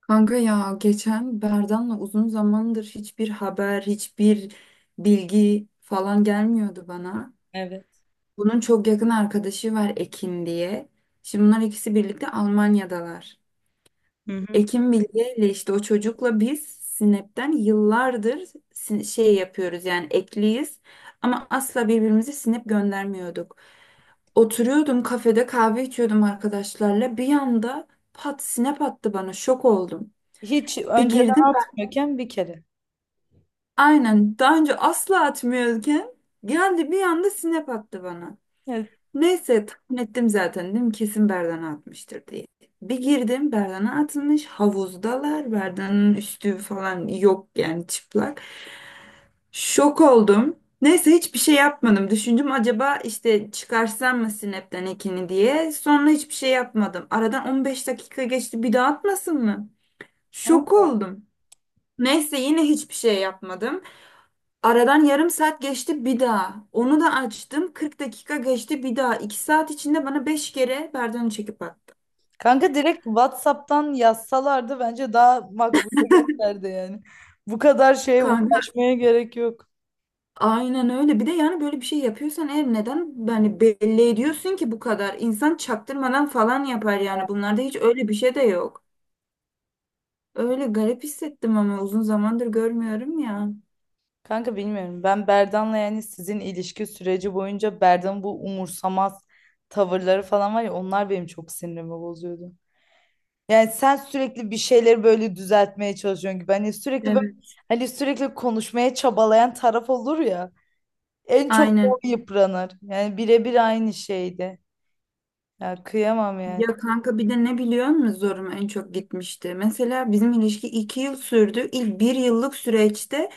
Kanka ya geçen Berdan'la uzun zamandır hiçbir haber, hiçbir bilgi falan gelmiyordu bana. Bunun çok yakın arkadaşı var Ekin diye. Şimdi bunlar ikisi birlikte Almanya'dalar. Hı hı. Ekin Bilge ile işte o çocukla biz Snap'ten yıllardır şey yapıyoruz yani ekliyiz ama asla birbirimize Snap göndermiyorduk. Oturuyordum kafede kahve içiyordum arkadaşlarla bir anda pat Snap attı bana, şok oldum. Hiç Bir önce girdim. Aynen, daha önce asla atmıyorken geldi bir anda snap attı bana. Neyse tahmin ettim zaten, dedim kesin Berdan'a atmıştır diye. Bir girdim Berdan'a atılmış, havuzdalar, Berdan'ın üstü falan yok yani, çıplak. Şok oldum. Neyse hiçbir şey yapmadım. Düşündüm acaba işte çıkarsam mı Snap'ten ekini diye. Sonra hiçbir şey yapmadım. Aradan 15 dakika geçti, bir daha atmasın mı? tamam Şok mı? oldum. Neyse yine hiçbir şey yapmadım. Aradan yarım saat geçti bir daha. Onu da açtım. 40 dakika geçti bir daha. 2 saat içinde bana 5 kere Berdan'ı çekip attı. Kanka direkt WhatsApp'tan yazsalardı bence daha makbule gösterdi yani. Bu kadar şeye Kanka uğraşmaya gerek yok. aynen öyle. Bir de yani böyle bir şey yapıyorsan eğer neden yani belli ediyorsun ki bu kadar? İnsan çaktırmadan falan yapar yani. Bunlarda hiç öyle bir şey de yok. Öyle garip hissettim ama uzun zamandır görmüyorum ya. Kanka bilmiyorum. Ben Berdan'la yani sizin ilişki süreci boyunca Berdan'ın bu umursamaz tavırları falan var ya, onlar benim çok sinirimi bozuyordu. Yani sen sürekli bir şeyleri böyle düzeltmeye çalışıyorsun gibi. Hani sürekli böyle, Evet. hani sürekli konuşmaya çabalayan taraf olur ya. En çok o Aynen. yıpranır. Yani birebir aynı şeydi. Ya kıyamam yani. Ya kanka bir de ne biliyor musun zoruma en çok gitmişti? Mesela bizim ilişki 2 yıl sürdü. İlk bir yıllık süreçte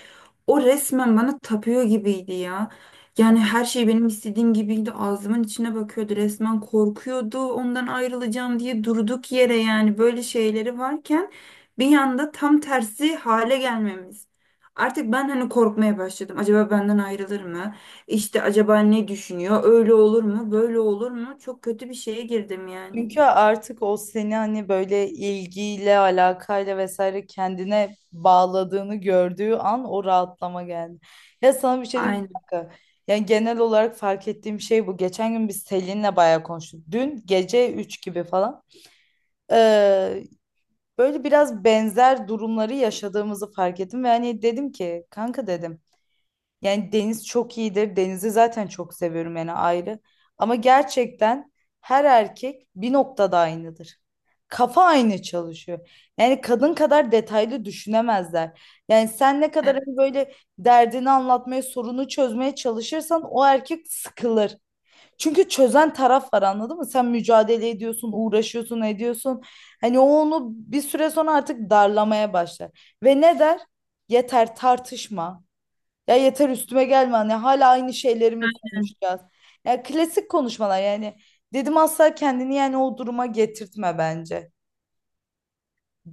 o resmen bana tapıyor gibiydi ya. Yani her şey benim istediğim gibiydi. Ağzımın içine bakıyordu. Resmen korkuyordu ondan, ayrılacağım diye, durduk yere yani, böyle şeyleri varken bir anda tam tersi hale gelmemiz. Artık ben hani korkmaya başladım. Acaba benden ayrılır mı? İşte acaba ne düşünüyor? Öyle olur mu? Böyle olur mu? Çok kötü bir şeye girdim yani. Çünkü artık o seni hani böyle ilgiyle, alakayla vesaire kendine bağladığını gördüğü an o rahatlama geldi. Ya sana bir şey diyeyim mi Aynen. kanka? Yani genel olarak fark ettiğim şey bu. Geçen gün biz Selin'le bayağı konuştuk. Dün gece 3 gibi falan. Ee, Böyle biraz benzer durumları yaşadığımızı fark ettim. Ve hani dedim ki kanka dedim. Yani Deniz çok iyidir. Denizi zaten çok seviyorum yani ayrı. Ama gerçekten her erkek bir noktada aynıdır. Kafa aynı çalışıyor. Yani kadın kadar detaylı düşünemezler. Yani sen ne kadar Evet. hani böyle derdini anlatmaya, sorunu çözmeye çalışırsan o erkek sıkılır. Çünkü çözen taraf var, anladın mı? Sen mücadele ediyorsun, uğraşıyorsun, ediyorsun. Hani o onu bir süre sonra artık darlamaya başlar. Ve ne der? Yeter tartışma. Ya yeter üstüme gelme, hani hala aynı şeyleri mi konuşacağız? Ya klasik konuşmalar yani. Dedim asla kendini yani o duruma getirtme bence.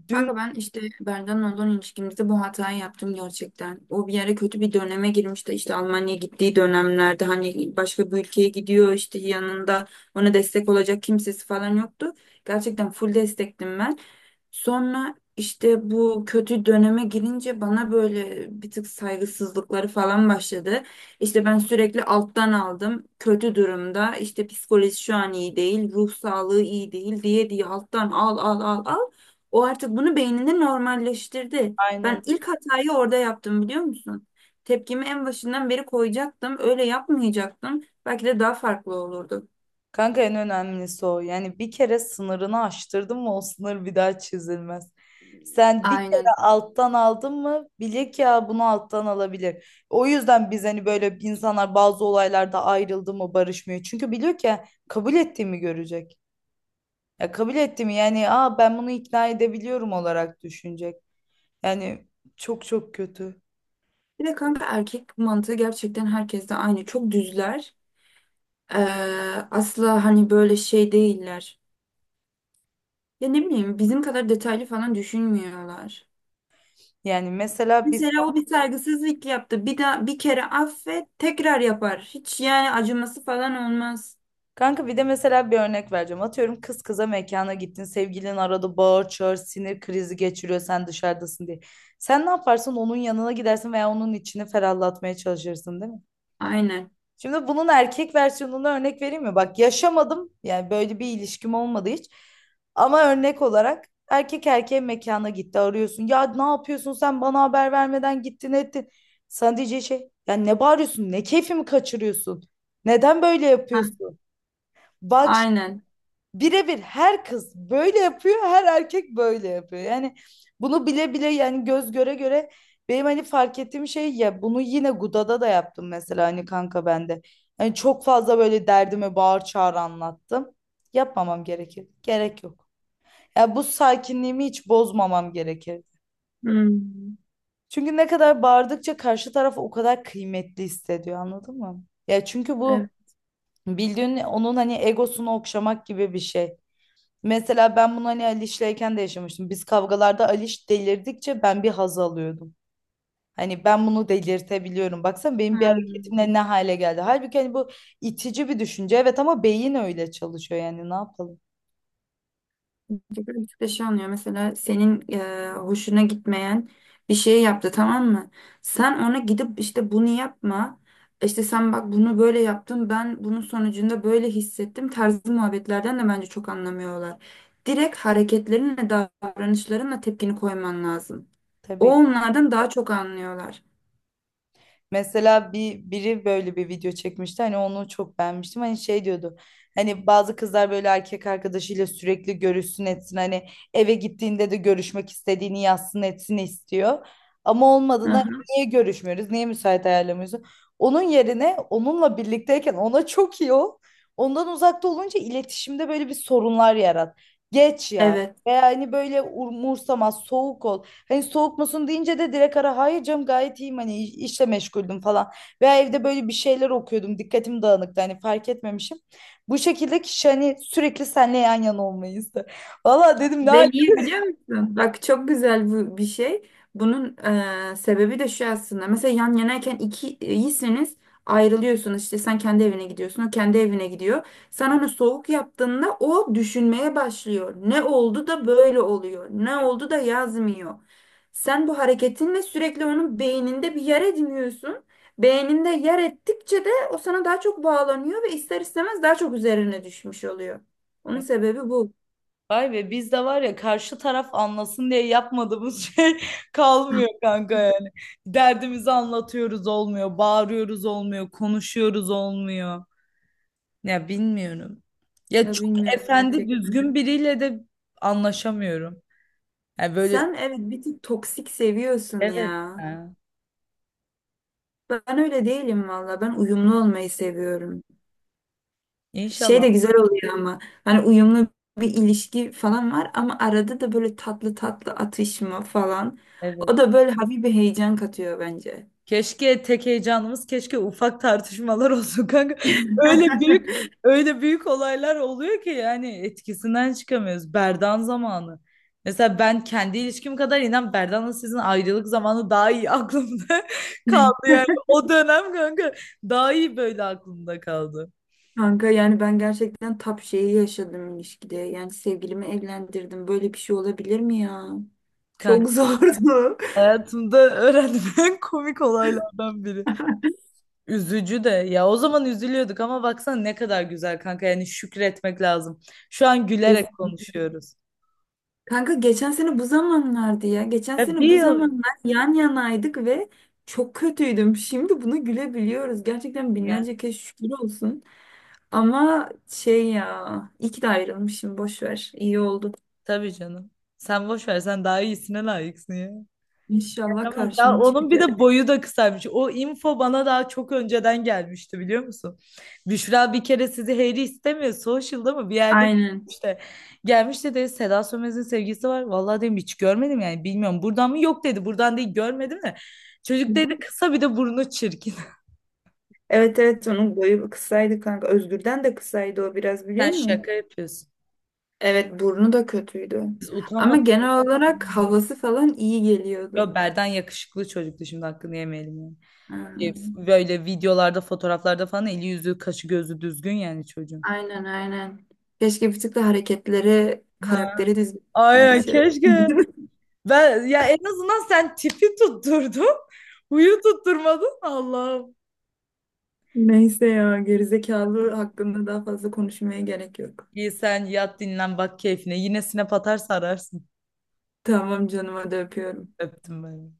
Dün Kanka ben işte Berdan'la olan ilişkimizde bu hatayı yaptım gerçekten. O bir yere, kötü bir döneme girmişti. İşte Almanya'ya gittiği dönemlerde, hani başka bir ülkeye gidiyor, işte yanında ona destek olacak kimsesi falan yoktu. Gerçekten full destektim ben. Sonra işte bu kötü döneme girince bana böyle bir tık saygısızlıkları falan başladı. İşte ben sürekli alttan aldım. Kötü durumda, işte psikoloji şu an iyi değil, ruh sağlığı iyi değil, diye diye alttan al al al al. O artık bunu beyninde normalleştirdi. aynen. Ben ilk hatayı orada yaptım, biliyor musun? Tepkimi en başından beri koyacaktım. Öyle yapmayacaktım. Belki de daha farklı olurdu. Kanka en önemlisi o. Yani bir kere sınırını aştırdın mı o sınır bir daha çizilmez. Sen bir kere Aynen. alttan aldın mı bile ki ya bunu alttan alabilir. O yüzden biz hani böyle insanlar bazı olaylarda ayrıldı mı barışmıyor. Çünkü biliyor ki kabul ettiğimi görecek. Ya kabul ettim yani, aa ben bunu ikna edebiliyorum olarak düşünecek. Yani çok çok kötü. Bir de kanka erkek mantığı gerçekten herkeste aynı. Çok düzler. Ee, asla hani böyle şey değiller. Ya ne bileyim, bizim kadar detaylı falan düşünmüyorlar. Yani mesela biz Mesela o bir saygısızlık yaptı. Bir daha bir kere affet, tekrar yapar. Hiç yani acıması falan olmaz. kanka bir de mesela bir örnek vereceğim. Atıyorum, kız kıza mekana gittin. Sevgilin arada bağır çağır sinir krizi geçiriyor sen dışarıdasın diye. Sen ne yaparsın? Onun yanına gidersin veya onun içini ferahlatmaya çalışırsın değil mi? Aynen. Şimdi bunun erkek versiyonuna örnek vereyim mi? Bak yaşamadım yani, böyle bir ilişkim olmadı hiç. Ama örnek olarak erkek erkeğe mekana gitti, arıyorsun. Ya ne yapıyorsun, sen bana haber vermeden gittin ettin. Sana diyeceği şey ya ne bağırıyorsun, ne keyfimi kaçırıyorsun? Neden böyle Hah, yapıyorsun? Bak aynen. birebir her kız böyle yapıyor, her erkek böyle yapıyor. Yani bunu bile bile yani göz göre göre benim hani fark ettiğim şey ya bunu yine Guda'da da yaptım mesela hani kanka bende. Hani çok fazla böyle derdimi bağır çağır anlattım. Yapmamam gerekir. Gerek yok. Ya bu sakinliğimi hiç bozmamam gerekir. Hmm, Çünkü ne kadar bağırdıkça karşı taraf o kadar kıymetli hissediyor, anladın mı? Ya çünkü bu evet. bildiğin onun hani egosunu okşamak gibi bir şey. Mesela ben bunu hani Aliş'leyken de yaşamıştım. Biz kavgalarda Aliş delirdikçe ben bir haz alıyordum. Hani ben bunu delirtebiliyorum. Baksana benim bir Ha, hareketimle ne hale geldi. Halbuki hani bu itici bir düşünce. Evet ama beyin öyle çalışıyor yani, ne yapalım. böyle bir şey oluyor. Mesela senin hoşuna gitmeyen bir şey yaptı, tamam mı? Sen ona gidip işte "bunu yapma. İşte sen bak, bunu böyle yaptın. Ben bunun sonucunda böyle hissettim." Tarzı muhabbetlerden de bence çok anlamıyorlar. Direkt hareketlerinle, davranışlarınla tepkini koyman lazım. O Tabii ki. onlardan daha çok anlıyorlar. Mesela bir biri böyle bir video çekmişti hani onu çok beğenmiştim hani şey diyordu, hani bazı kızlar böyle erkek arkadaşıyla sürekli görüşsün etsin, hani eve gittiğinde de görüşmek istediğini yazsın etsin istiyor ama olmadığında hani Aha, niye görüşmüyoruz, niye müsait ayarlamıyorsun. Onun yerine onunla birlikteyken ona çok iyi ol, ondan uzakta olunca iletişimde böyle bir sorunlar yarat geç ya, evet. veya hani böyle umursamaz soğuk ol. Hani soğuk musun deyince de direkt ara, hayır canım gayet iyiyim hani işle meşguldüm falan. Veya evde böyle bir şeyler okuyordum, dikkatim dağınıktı hani fark etmemişim. Bu şekilde kişi hani sürekli seninle yan yana olmayı ister. Valla dedim ne hal. Ben iyi biliyor musun? Bak çok güzel bu bir şey. Bunun sebebi de şu aslında. Mesela yan yanayken iki iyisiniz, ayrılıyorsunuz. İşte sen kendi evine gidiyorsun, o kendi evine gidiyor. Sen onu soğuk yaptığında o düşünmeye başlıyor. Ne oldu da böyle oluyor? Ne oldu da yazmıyor? Sen bu hareketinle sürekli onun beyninde bir yer ediniyorsun. Beyninde yer ettikçe de o sana daha çok bağlanıyor ve ister istemez daha çok üzerine düşmüş oluyor. Onun sebebi bu. Vay be, biz de var ya karşı taraf anlasın diye yapmadığımız şey kalmıyor kanka yani. Derdimizi anlatıyoruz olmuyor, bağırıyoruz olmuyor, konuşuyoruz olmuyor. Ya bilmiyorum. Ya Ya çok bilmiyorum efendi gerçekten. düzgün biriyle de anlaşamıyorum. Yani böyle Sen evet bir tık toksik seviyorsun evet ya. ya. Ben öyle değilim valla. Ben uyumlu olmayı seviyorum. Şey İnşallah. de güzel oluyor ama. Hani uyumlu bir ilişki falan var ama arada da böyle tatlı tatlı atışma falan. Evet. O da böyle hafif bir heyecan katıyor bence. Keşke tek heyecanımız keşke ufak tartışmalar olsun kanka. Öyle büyük öyle büyük olaylar oluyor ki yani etkisinden çıkamıyoruz. Berdan zamanı. Mesela ben kendi ilişkim kadar inan Berdan'la sizin ayrılık zamanı daha iyi aklımda kaldı yani. O dönem kanka daha iyi böyle aklımda kaldı. Kanka yani ben gerçekten tap şeyi yaşadım ilişkide. Yani sevgilimi evlendirdim. Böyle bir şey olabilir mi ya? Kanka Çok zordu. hayatımda öğrendiğim en komik olaylardan biri. Üzücü de, ya o zaman üzülüyorduk ama baksana ne kadar güzel kanka, yani şükretmek lazım. Şu an gülerek Kesinlikle. konuşuyoruz. Kanka geçen sene bu zamanlardı ya. Geçen Ya bir sene bu yıl zamanlar yan yanaydık ve çok kötüydüm. Şimdi bunu gülebiliyoruz. Gerçekten ya. binlerce kez şükür olsun. Ama şey ya, iyi ki de ayrılmışım. Boş ver. İyi oldu. Tabii canım. Sen boş ver, sen daha iyisine layıksın ya. İnşallah Ama daha karşıma onun bir çıkacak. de boyu da kısaymış. O info bana daha çok önceden gelmişti biliyor musun? Büşra bir kere sizi Harry istemiyor. Social'da mı bir yerde Aynen. işte gelmiş dedi Seda Sönmez'in sevgisi var. Vallahi dedim hiç görmedim yani bilmiyorum. Buradan mı? Yok dedi. Buradan değil görmedim de. Hı Çocuk dedi hı. kısa bir de burnu çirkin. Evet evet, onun boyu kısaydı kanka. Özgür'den de kısaydı o biraz, biliyor Sen musun? şaka yapıyorsun. Evet, burnu da kötüydü. Biz Ama utanmadık. genel olarak havası falan iyi geliyordu. Yo, Berden yakışıklı çocuktu şimdi hakkını yemeyelim yani. Ha. Şey, böyle videolarda fotoğraflarda falan eli yüzü kaşı gözü düzgün yani çocuğun. Aynen aynen. Keşke bir tık da hareketleri, Ha. karakteri dizmesine Aynen dışarı. keşke. Ben ya en azından sen tipi tutturdun. Huyu tutturmadın. Allah'ım. Neyse ya, gerizekalı hakkında daha fazla konuşmaya gerek yok. İyi sen yat dinlen bak keyfine. Yine sinep atarsa ararsın. Tamam canım, hadi öpüyorum. Öptüm ben.